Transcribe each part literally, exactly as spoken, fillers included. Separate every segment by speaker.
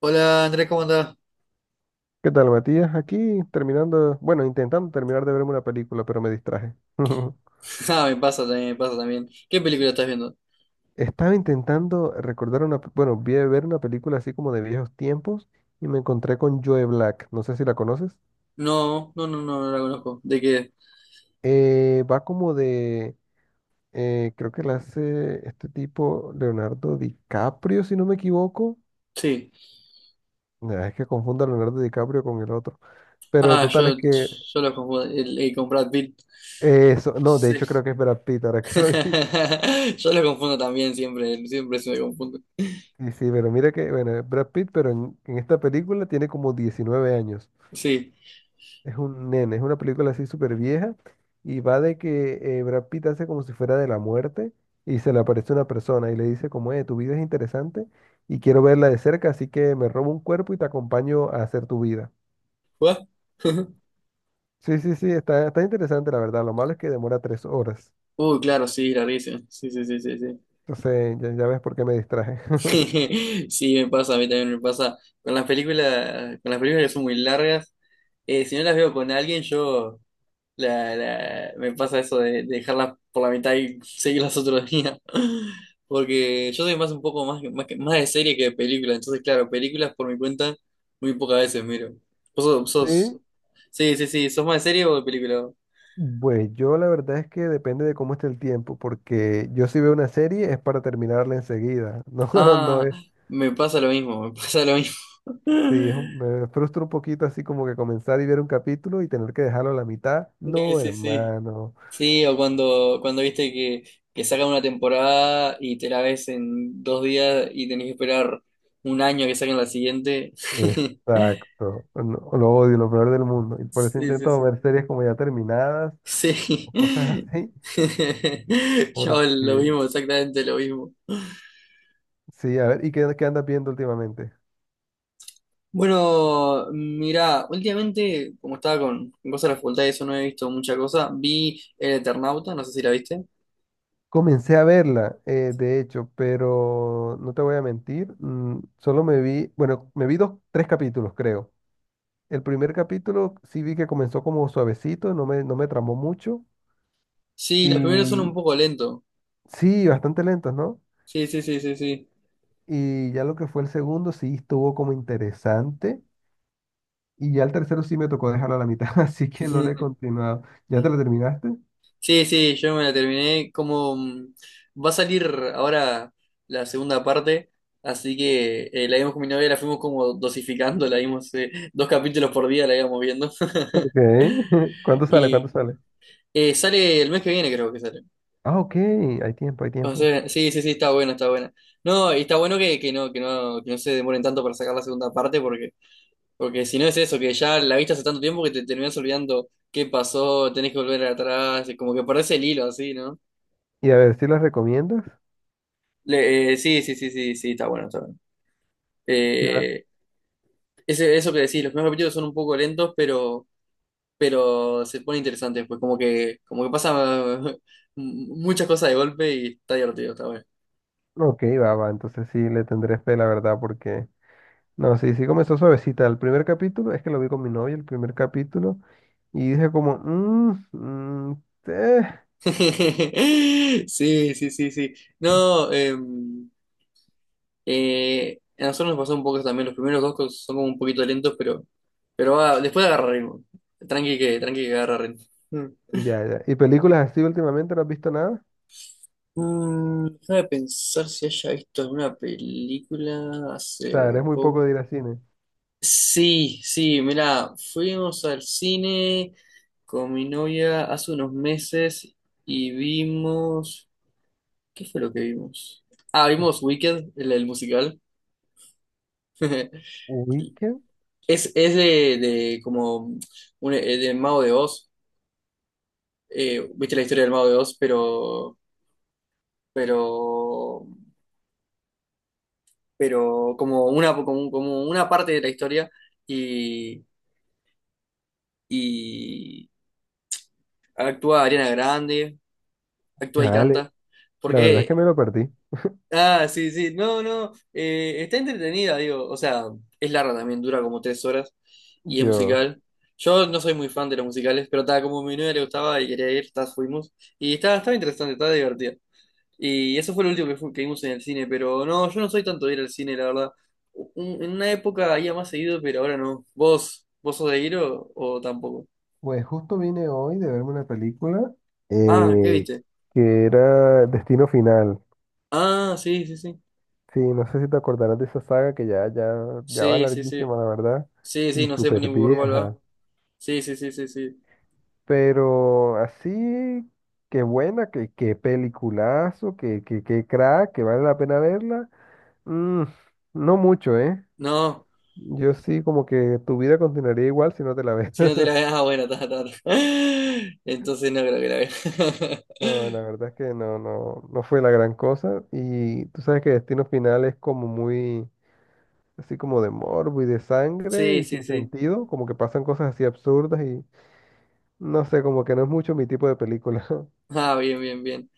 Speaker 1: Hola Andrés, ¿cómo andás?
Speaker 2: ¿Qué tal, Matías? Aquí terminando, bueno, intentando terminar de verme una película, pero me distraje.
Speaker 1: Ah, me pasa también, me pasa también. ¿Qué película estás viendo?
Speaker 2: Estaba intentando recordar una, pe- bueno, vi ver una película así como de viejos tiempos y me encontré con Joe Black. No sé si la conoces.
Speaker 1: No, no, no, no, no la conozco. ¿De qué?
Speaker 2: Eh, va como de, eh, Creo que la hace este tipo Leonardo DiCaprio, si no me equivoco.
Speaker 1: Sí.
Speaker 2: Nah, es que confundo a Leonardo DiCaprio con el otro. Pero
Speaker 1: Ah,
Speaker 2: total
Speaker 1: yo,
Speaker 2: es que
Speaker 1: yo lo confundo. El, el con Brad Pitt.
Speaker 2: eh, eso, no, de hecho
Speaker 1: Sí.
Speaker 2: creo que es Brad Pitt, ahora que lo
Speaker 1: Yo lo confundo también siempre, siempre se me confundo.
Speaker 2: Sí, sí, pero mira que, bueno, Brad Pitt, pero en, en esta película tiene como diecinueve años.
Speaker 1: Sí.
Speaker 2: Es un nene, es una película así súper vieja y va de que eh, Brad Pitt hace como si fuera de la muerte y se le aparece una persona y le dice como, eh, tu vida es interesante y quiero verla de cerca, así que me robo un cuerpo y te acompaño a hacer tu vida.
Speaker 1: ¿What?
Speaker 2: Sí, sí, sí, está, está interesante la verdad. Lo malo es que demora tres horas.
Speaker 1: Uy, claro, sí, la risa. Sí, sí, sí, sí, sí.
Speaker 2: Entonces, ya, ya ves por qué me distraje.
Speaker 1: Sí, me pasa, a mí también me pasa. Con las películas, con las películas que son muy largas, eh, si no las veo con alguien, yo. La, la- me pasa eso de, de dejarlas por la mitad y seguirlas otro día. Porque yo soy más un poco más, más, que- más de serie que de película. Entonces, claro, películas por mi cuenta muy pocas veces miro. Vos sos, sos-
Speaker 2: Sí,
Speaker 1: Sí, sí, sí. ¿Sos más de serie o de película?
Speaker 2: pues yo la verdad es que depende de cómo esté el tiempo, porque yo si veo una serie es para terminarla enseguida. No, no
Speaker 1: Ah,
Speaker 2: es,
Speaker 1: me pasa lo mismo, me pasa lo mismo.
Speaker 2: sí, es un- me frustra un poquito así como que comenzar y ver un capítulo y tener que dejarlo a la mitad.
Speaker 1: Sí,
Speaker 2: No,
Speaker 1: sí, sí.
Speaker 2: hermano,
Speaker 1: Sí, o cuando, cuando viste que, que sacan una temporada y te la ves en dos días y tenés que esperar un año que saquen la siguiente.
Speaker 2: exacto. No, lo odio, lo peor del mundo. Y por eso
Speaker 1: Sí, sí,
Speaker 2: intento
Speaker 1: sí.
Speaker 2: ver series como ya terminadas
Speaker 1: Sí.
Speaker 2: o cosas así,
Speaker 1: Yo lo
Speaker 2: porque
Speaker 1: mismo, exactamente lo mismo.
Speaker 2: sí, a ver, ¿y qué, qué andas viendo últimamente?
Speaker 1: Bueno, mira, últimamente, como estaba con con cosas de la facultad y eso no he visto mucha cosa, vi El Eternauta, no sé si la viste.
Speaker 2: Comencé a verla, eh, de hecho, pero no te voy a mentir, mm, solo me vi, bueno, me vi dos, tres capítulos, creo. El primer capítulo sí vi que comenzó como suavecito, no me, no me tramó mucho,
Speaker 1: Sí, los primeros son un
Speaker 2: y
Speaker 1: poco lentos.
Speaker 2: sí, bastante lento, ¿no?
Speaker 1: Sí, sí, sí, sí, sí.
Speaker 2: Y ya lo que fue el segundo sí estuvo como interesante, y ya el tercero sí me tocó dejarlo a la mitad, así que no le he continuado. ¿Ya te lo terminaste?
Speaker 1: Sí, sí, yo me la terminé. Como mm, va a salir ahora la segunda parte, así que eh, la vimos con mi novia, la fuimos como dosificando, la vimos eh, dos capítulos por día, la íbamos viendo.
Speaker 2: Ok, ¿cuánto sale? ¿Cuánto
Speaker 1: Y
Speaker 2: sale?
Speaker 1: eh, sale el mes que viene, creo que sale.
Speaker 2: Ah, ok, hay tiempo, hay
Speaker 1: O
Speaker 2: tiempo.
Speaker 1: sea, sí, sí, sí, está bueno, está bueno. No, y está bueno que, que no, que no, que no se demoren tanto para sacar la segunda parte, porque, porque si no es eso, que ya la viste hace tanto tiempo que te terminás olvidando qué pasó, tenés que volver atrás, y como que perdés el hilo así, ¿no?
Speaker 2: Y a ver, ¿si las recomiendas?
Speaker 1: Le- eh, sí, sí, sí, sí, sí, está bueno, está bueno.
Speaker 2: Sí,
Speaker 1: Eh, ese, eso que decís, los primeros capítulos son un poco lentos, pero, pero se pone interesante después, como que, como que pasa muchas cosas de golpe y está divertido, está bueno.
Speaker 2: ok, va, va, entonces sí le tendré fe, la verdad, porque... No, sí, sí comenzó suavecita. El primer capítulo, es que lo vi con mi novia, el primer capítulo, y dije como, "Mm, mm, eh".
Speaker 1: Sí, sí, sí, sí. No, eh, eh, a nosotros nos pasó un poco también, los primeros dos cos- son como un poquito lentos, pero, pero va- después agarra ritmo. Tranqui que, tranqui que agarra ritmo.
Speaker 2: Ya, ya. ¿Y películas así últimamente no has visto nada? O
Speaker 1: Mm, déjame pensar si haya visto alguna película
Speaker 2: sea,
Speaker 1: hace
Speaker 2: eres muy poco
Speaker 1: poco.
Speaker 2: de ir al cine.
Speaker 1: Sí, sí, mirá, fuimos al cine con mi novia hace unos meses y vimos... ¿Qué fue lo que vimos? Ah, vimos Wicked, el, el musical.
Speaker 2: Weekend,
Speaker 1: Es, es de, de como un, eh, de Mago de Oz. Eh, viste la historia del Mago de Oz, pero, pero, pero como una, como, como una parte de la historia y actúa Ariana Grande, actúa y
Speaker 2: chale,
Speaker 1: canta.
Speaker 2: la verdad es que
Speaker 1: Porque,
Speaker 2: me lo perdí.
Speaker 1: ah, sí, sí, no, no, eh, está entretenida, digo, o sea, es larga también, dura como tres horas y es
Speaker 2: Dios.
Speaker 1: musical. Yo no soy muy fan de los musicales, pero estaba como a mi novia le gustaba y quería ir, tas fuimos. Y estaba, estaba interesante, estaba divertida. Y eso fue lo último que, fu- que vimos en el cine, pero no, yo no soy tanto de ir al cine, la verdad. Un- En una época iba más seguido, pero ahora no. ¿Vos, vos sos de ir o, o tampoco?
Speaker 2: Pues justo vine hoy de verme una película
Speaker 1: Ah, ¿qué
Speaker 2: eh,
Speaker 1: viste?
Speaker 2: que era Destino Final.
Speaker 1: Ah, sí, sí, sí.
Speaker 2: Sí, no sé si te acordarás de esa saga que ya, ya, ya va
Speaker 1: Sí, sí, sí.
Speaker 2: larguísima, la verdad,
Speaker 1: Sí, sí,
Speaker 2: y
Speaker 1: no sé ni
Speaker 2: súper
Speaker 1: por cuál va.
Speaker 2: vieja.
Speaker 1: Sí, sí, sí, sí, sí.
Speaker 2: Pero así, qué buena, qué, qué peliculazo, qué, qué, qué crack, que vale la pena verla. Mm, no mucho, ¿eh?
Speaker 1: No,
Speaker 2: Yo sí, como que tu vida continuaría igual si no te la ves.
Speaker 1: si no te la veas, ah, bueno, ta, ta, ta. Entonces no creo que la vea.
Speaker 2: No, la verdad es que no, no, no fue la gran cosa. Y tú sabes que Destino Final es como muy, así como de morbo y de sangre
Speaker 1: Sí,
Speaker 2: y
Speaker 1: sí,
Speaker 2: sin
Speaker 1: sí.
Speaker 2: sentido, como que pasan cosas así absurdas y no sé, como que no es mucho mi tipo de película.
Speaker 1: Ah, bien, bien, bien.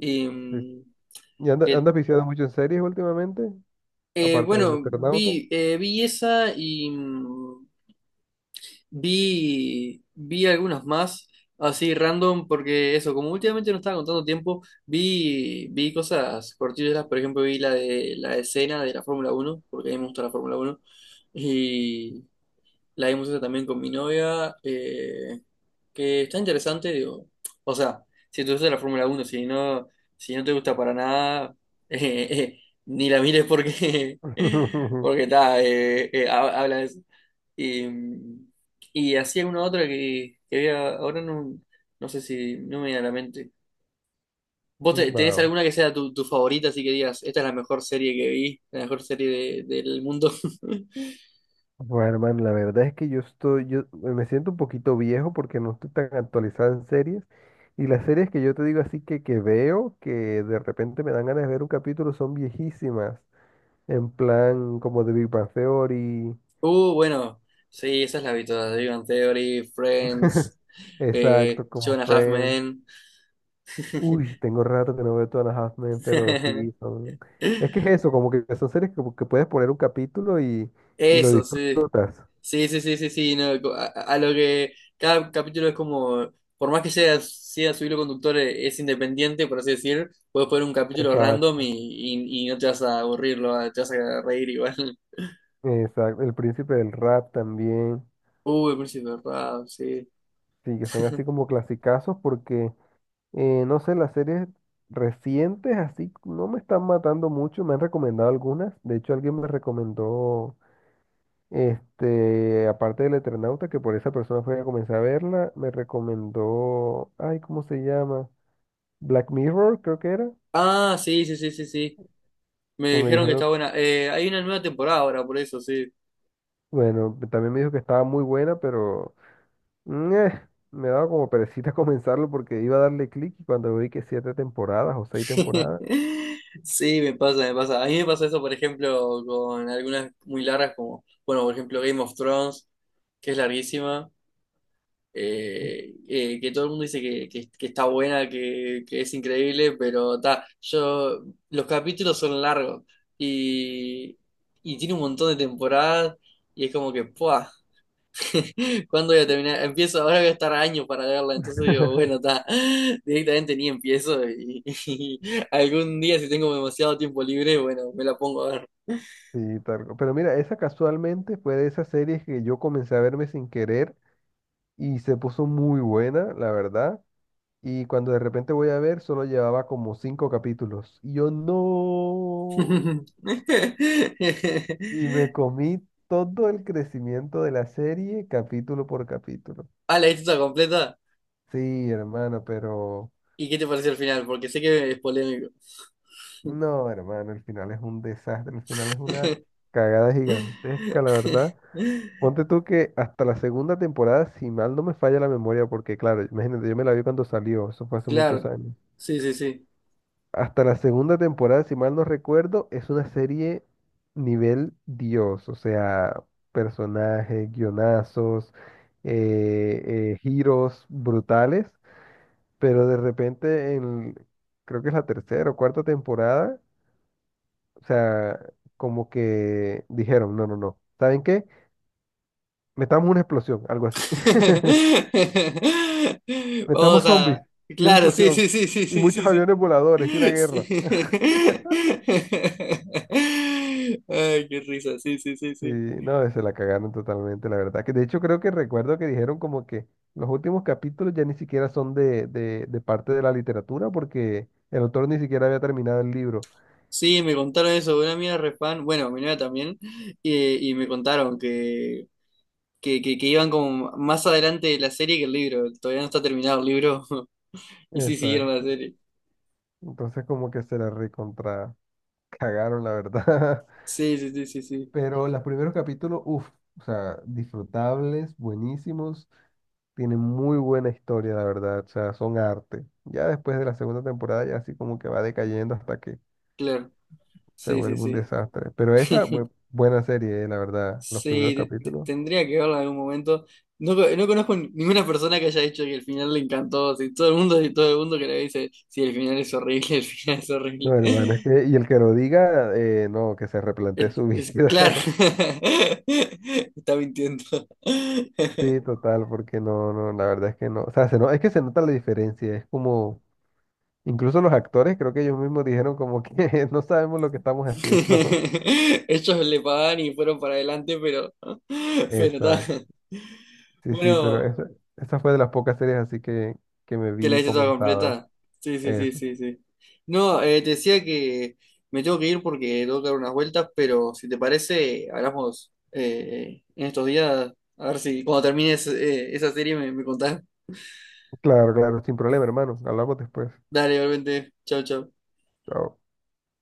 Speaker 1: Y,
Speaker 2: Sí.
Speaker 1: mm,
Speaker 2: ¿Y anda-
Speaker 1: que-
Speaker 2: andas viciado mucho en series últimamente?
Speaker 1: eh,
Speaker 2: Aparte del
Speaker 1: bueno,
Speaker 2: Eternauta.
Speaker 1: vi, eh, vi esa y, mm, Vi, vi algunos más así random porque eso, como últimamente no estaba contando tiempo, vi, vi cosas cortillas, por ejemplo vi la de la escena de la Fórmula uno porque a mí me gusta la Fórmula uno y la vimos esa también con mi novia, eh, que está interesante, digo, o sea, si te gusta la Fórmula uno si no, si no te gusta para nada, eh, eh, ni la mires porque, porque está, eh, eh, ha- habla de eso. Y, mm, y hacía una otra que, que había, ahora no, no sé si no me viene a la mente. ¿Vos te-
Speaker 2: Va,
Speaker 1: tenés
Speaker 2: va.
Speaker 1: alguna que sea tu, tu favorita, así que digas, esta es la mejor serie que vi, la mejor serie de- del mundo?
Speaker 2: Bueno, hermano, la verdad es que yo estoy, yo me siento un poquito viejo porque no estoy tan actualizado en series. Y las series que yo te digo así que, que veo, que de repente me dan ganas de ver un capítulo, son viejísimas. En plan, como The Big Bang Theory.
Speaker 1: Uh, bueno, sí, esas las vi todas, The Big Bang Theory, Friends, eh,
Speaker 2: Exacto,
Speaker 1: Two
Speaker 2: como
Speaker 1: and a Half
Speaker 2: Friends.
Speaker 1: Men.
Speaker 2: Uy, tengo rato que no veo Two and a Half Men, pero sí, son... Es que es eso, como que son series que, que puedes poner un capítulo y, y lo
Speaker 1: Eso, sí.
Speaker 2: disfrutas.
Speaker 1: Sí, sí, sí, sí, sí, no, co- a, a lo que cada capítulo es como, por más que sea, sea su hilo conductor, eh, es independiente, por así decir, puedes poner un capítulo random y,
Speaker 2: Exacto,
Speaker 1: y, y no te vas a aburrir, lo va- te vas a reír igual.
Speaker 2: exacto. El Príncipe del Rap también.
Speaker 1: Uy, el príncipe de Rap, sí.
Speaker 2: Sí, que son así como clasicazos porque, eh, no sé, las series recientes así no me están matando mucho. Me han recomendado algunas. De hecho, alguien me recomendó, este, aparte del Eternauta, que por esa persona fue a comenzar a verla, me recomendó, ay, ¿cómo se llama? Black Mirror, creo que era,
Speaker 1: Ah, sí, sí, sí, sí, sí. Me
Speaker 2: que me
Speaker 1: dijeron que
Speaker 2: dijeron,
Speaker 1: está buena. Eh, hay una nueva temporada ahora, por eso, sí.
Speaker 2: bueno, también me dijo que estaba muy buena, pero mm, eh, me daba como perecita comenzarlo porque iba a darle clic y cuando vi que siete temporadas o seis temporadas,
Speaker 1: Sí, me pasa, me pasa. A mí me pasa eso, por ejemplo, con algunas muy largas, como, bueno, por ejemplo, Game of Thrones, que es larguísima. eh, eh, que todo el mundo dice que, que- que está buena, que, que es increíble, pero ta, yo, los capítulos son largos y, y tiene un montón de temporadas y es como que, ¡pua! ¿Cuándo voy a terminar? Empiezo, ahora voy a estar años para verla, entonces digo, bueno, está, directamente ni empiezo y, y algún día si tengo demasiado tiempo libre, bueno, me la pongo a ver.
Speaker 2: sí, tal. cu- Pero mira, esa casualmente fue de esas series que yo comencé a verme sin querer y se puso muy buena, la verdad. Y cuando de repente voy a ver, solo llevaba como cinco capítulos. Y yo no. Y me comí todo el crecimiento de la serie capítulo por capítulo.
Speaker 1: Ah, ¿la viste toda completa?
Speaker 2: Sí, hermano, pero
Speaker 1: ¿Y qué te pareció el final? Porque sé que es polémico.
Speaker 2: no, hermano, el final es un desastre, el final es una cagada gigantesca, la verdad. Ponte tú que hasta la segunda temporada, si mal no me falla la memoria, porque claro, imagínate, yo me la vi cuando salió, eso fue hace muchos
Speaker 1: Claro,
Speaker 2: años.
Speaker 1: sí, sí, sí.
Speaker 2: Hasta la segunda temporada, si mal no recuerdo, es una serie nivel Dios, o sea, personajes, guionazos, eh, eh, giros brutales, pero de repente en, creo que es la tercera o cuarta temporada, o sea, como que dijeron, no, no, no. ¿Saben qué? Metamos una explosión, algo así. Metamos
Speaker 1: Vamos a...
Speaker 2: zombies y una
Speaker 1: Claro, sí,
Speaker 2: explosión
Speaker 1: sí, sí, sí,
Speaker 2: y
Speaker 1: sí,
Speaker 2: muchos
Speaker 1: sí, sí.
Speaker 2: aviones
Speaker 1: Sí.
Speaker 2: voladores y una guerra.
Speaker 1: Ay, qué risa, sí, sí, sí,
Speaker 2: Sí,
Speaker 1: sí.
Speaker 2: no, se la cagaron totalmente, la verdad. Que de hecho creo que recuerdo que dijeron como que los últimos capítulos ya ni siquiera son de, de, de parte de la literatura porque el autor ni siquiera había terminado el libro.
Speaker 1: Sí, me contaron eso, una amiga refan, bueno, mi novia también, eh, y me contaron que, que, que, que iban como más adelante de la serie que el libro, todavía no está terminado el libro, y sí siguieron la
Speaker 2: Exacto.
Speaker 1: serie.
Speaker 2: Entonces como que se la recontra cagaron, la verdad.
Speaker 1: Sí, sí, sí, sí, sí,
Speaker 2: Pero los primeros capítulos, uff, o sea, disfrutables, buenísimos, tienen muy buena historia, la verdad, o sea, son arte. Ya después de la segunda temporada, ya así como que va decayendo hasta que
Speaker 1: claro.
Speaker 2: se
Speaker 1: Sí, sí,
Speaker 2: vuelve un
Speaker 1: sí.
Speaker 2: desastre. Pero esa, bu- buena serie, eh, la verdad, los primeros
Speaker 1: Sí, te- te-
Speaker 2: capítulos.
Speaker 1: tendría que verlo en algún momento. No, co- no conozco ninguna persona que haya dicho que el final le encantó. Si todo el mundo, si todo el mundo que le dice, sí, el final es horrible, el final es horrible.
Speaker 2: No, hermano, es que, y el que lo diga, eh, no, que se replantee
Speaker 1: Es,
Speaker 2: su
Speaker 1: es- claro.
Speaker 2: vida.
Speaker 1: Está mintiendo.
Speaker 2: Sí, total, porque no, no, la verdad es que no. O sea, se no, es que se nota la diferencia, es como, incluso los actores, creo que ellos mismos dijeron como que no sabemos lo que estamos haciendo.
Speaker 1: Ellos le pagan y fueron para adelante, pero, pero está.
Speaker 2: Exacto. Sí, sí, pero
Speaker 1: Bueno.
Speaker 2: esa, esa fue de las pocas series así que, que me
Speaker 1: ¿Que la
Speaker 2: vi
Speaker 1: hice toda
Speaker 2: comentadas.
Speaker 1: completa? Sí, sí, sí,
Speaker 2: Eso.
Speaker 1: sí, sí. No, eh, te decía que me tengo que ir porque tengo que dar unas vueltas, pero si te parece, hablamos eh, en estos días. A ver si cuando termines eh, esa serie me, me contás.
Speaker 2: Claro, claro, sin problema, hermano. Hablamos después.
Speaker 1: Dale, igualmente. Chau, chau.
Speaker 2: Chao.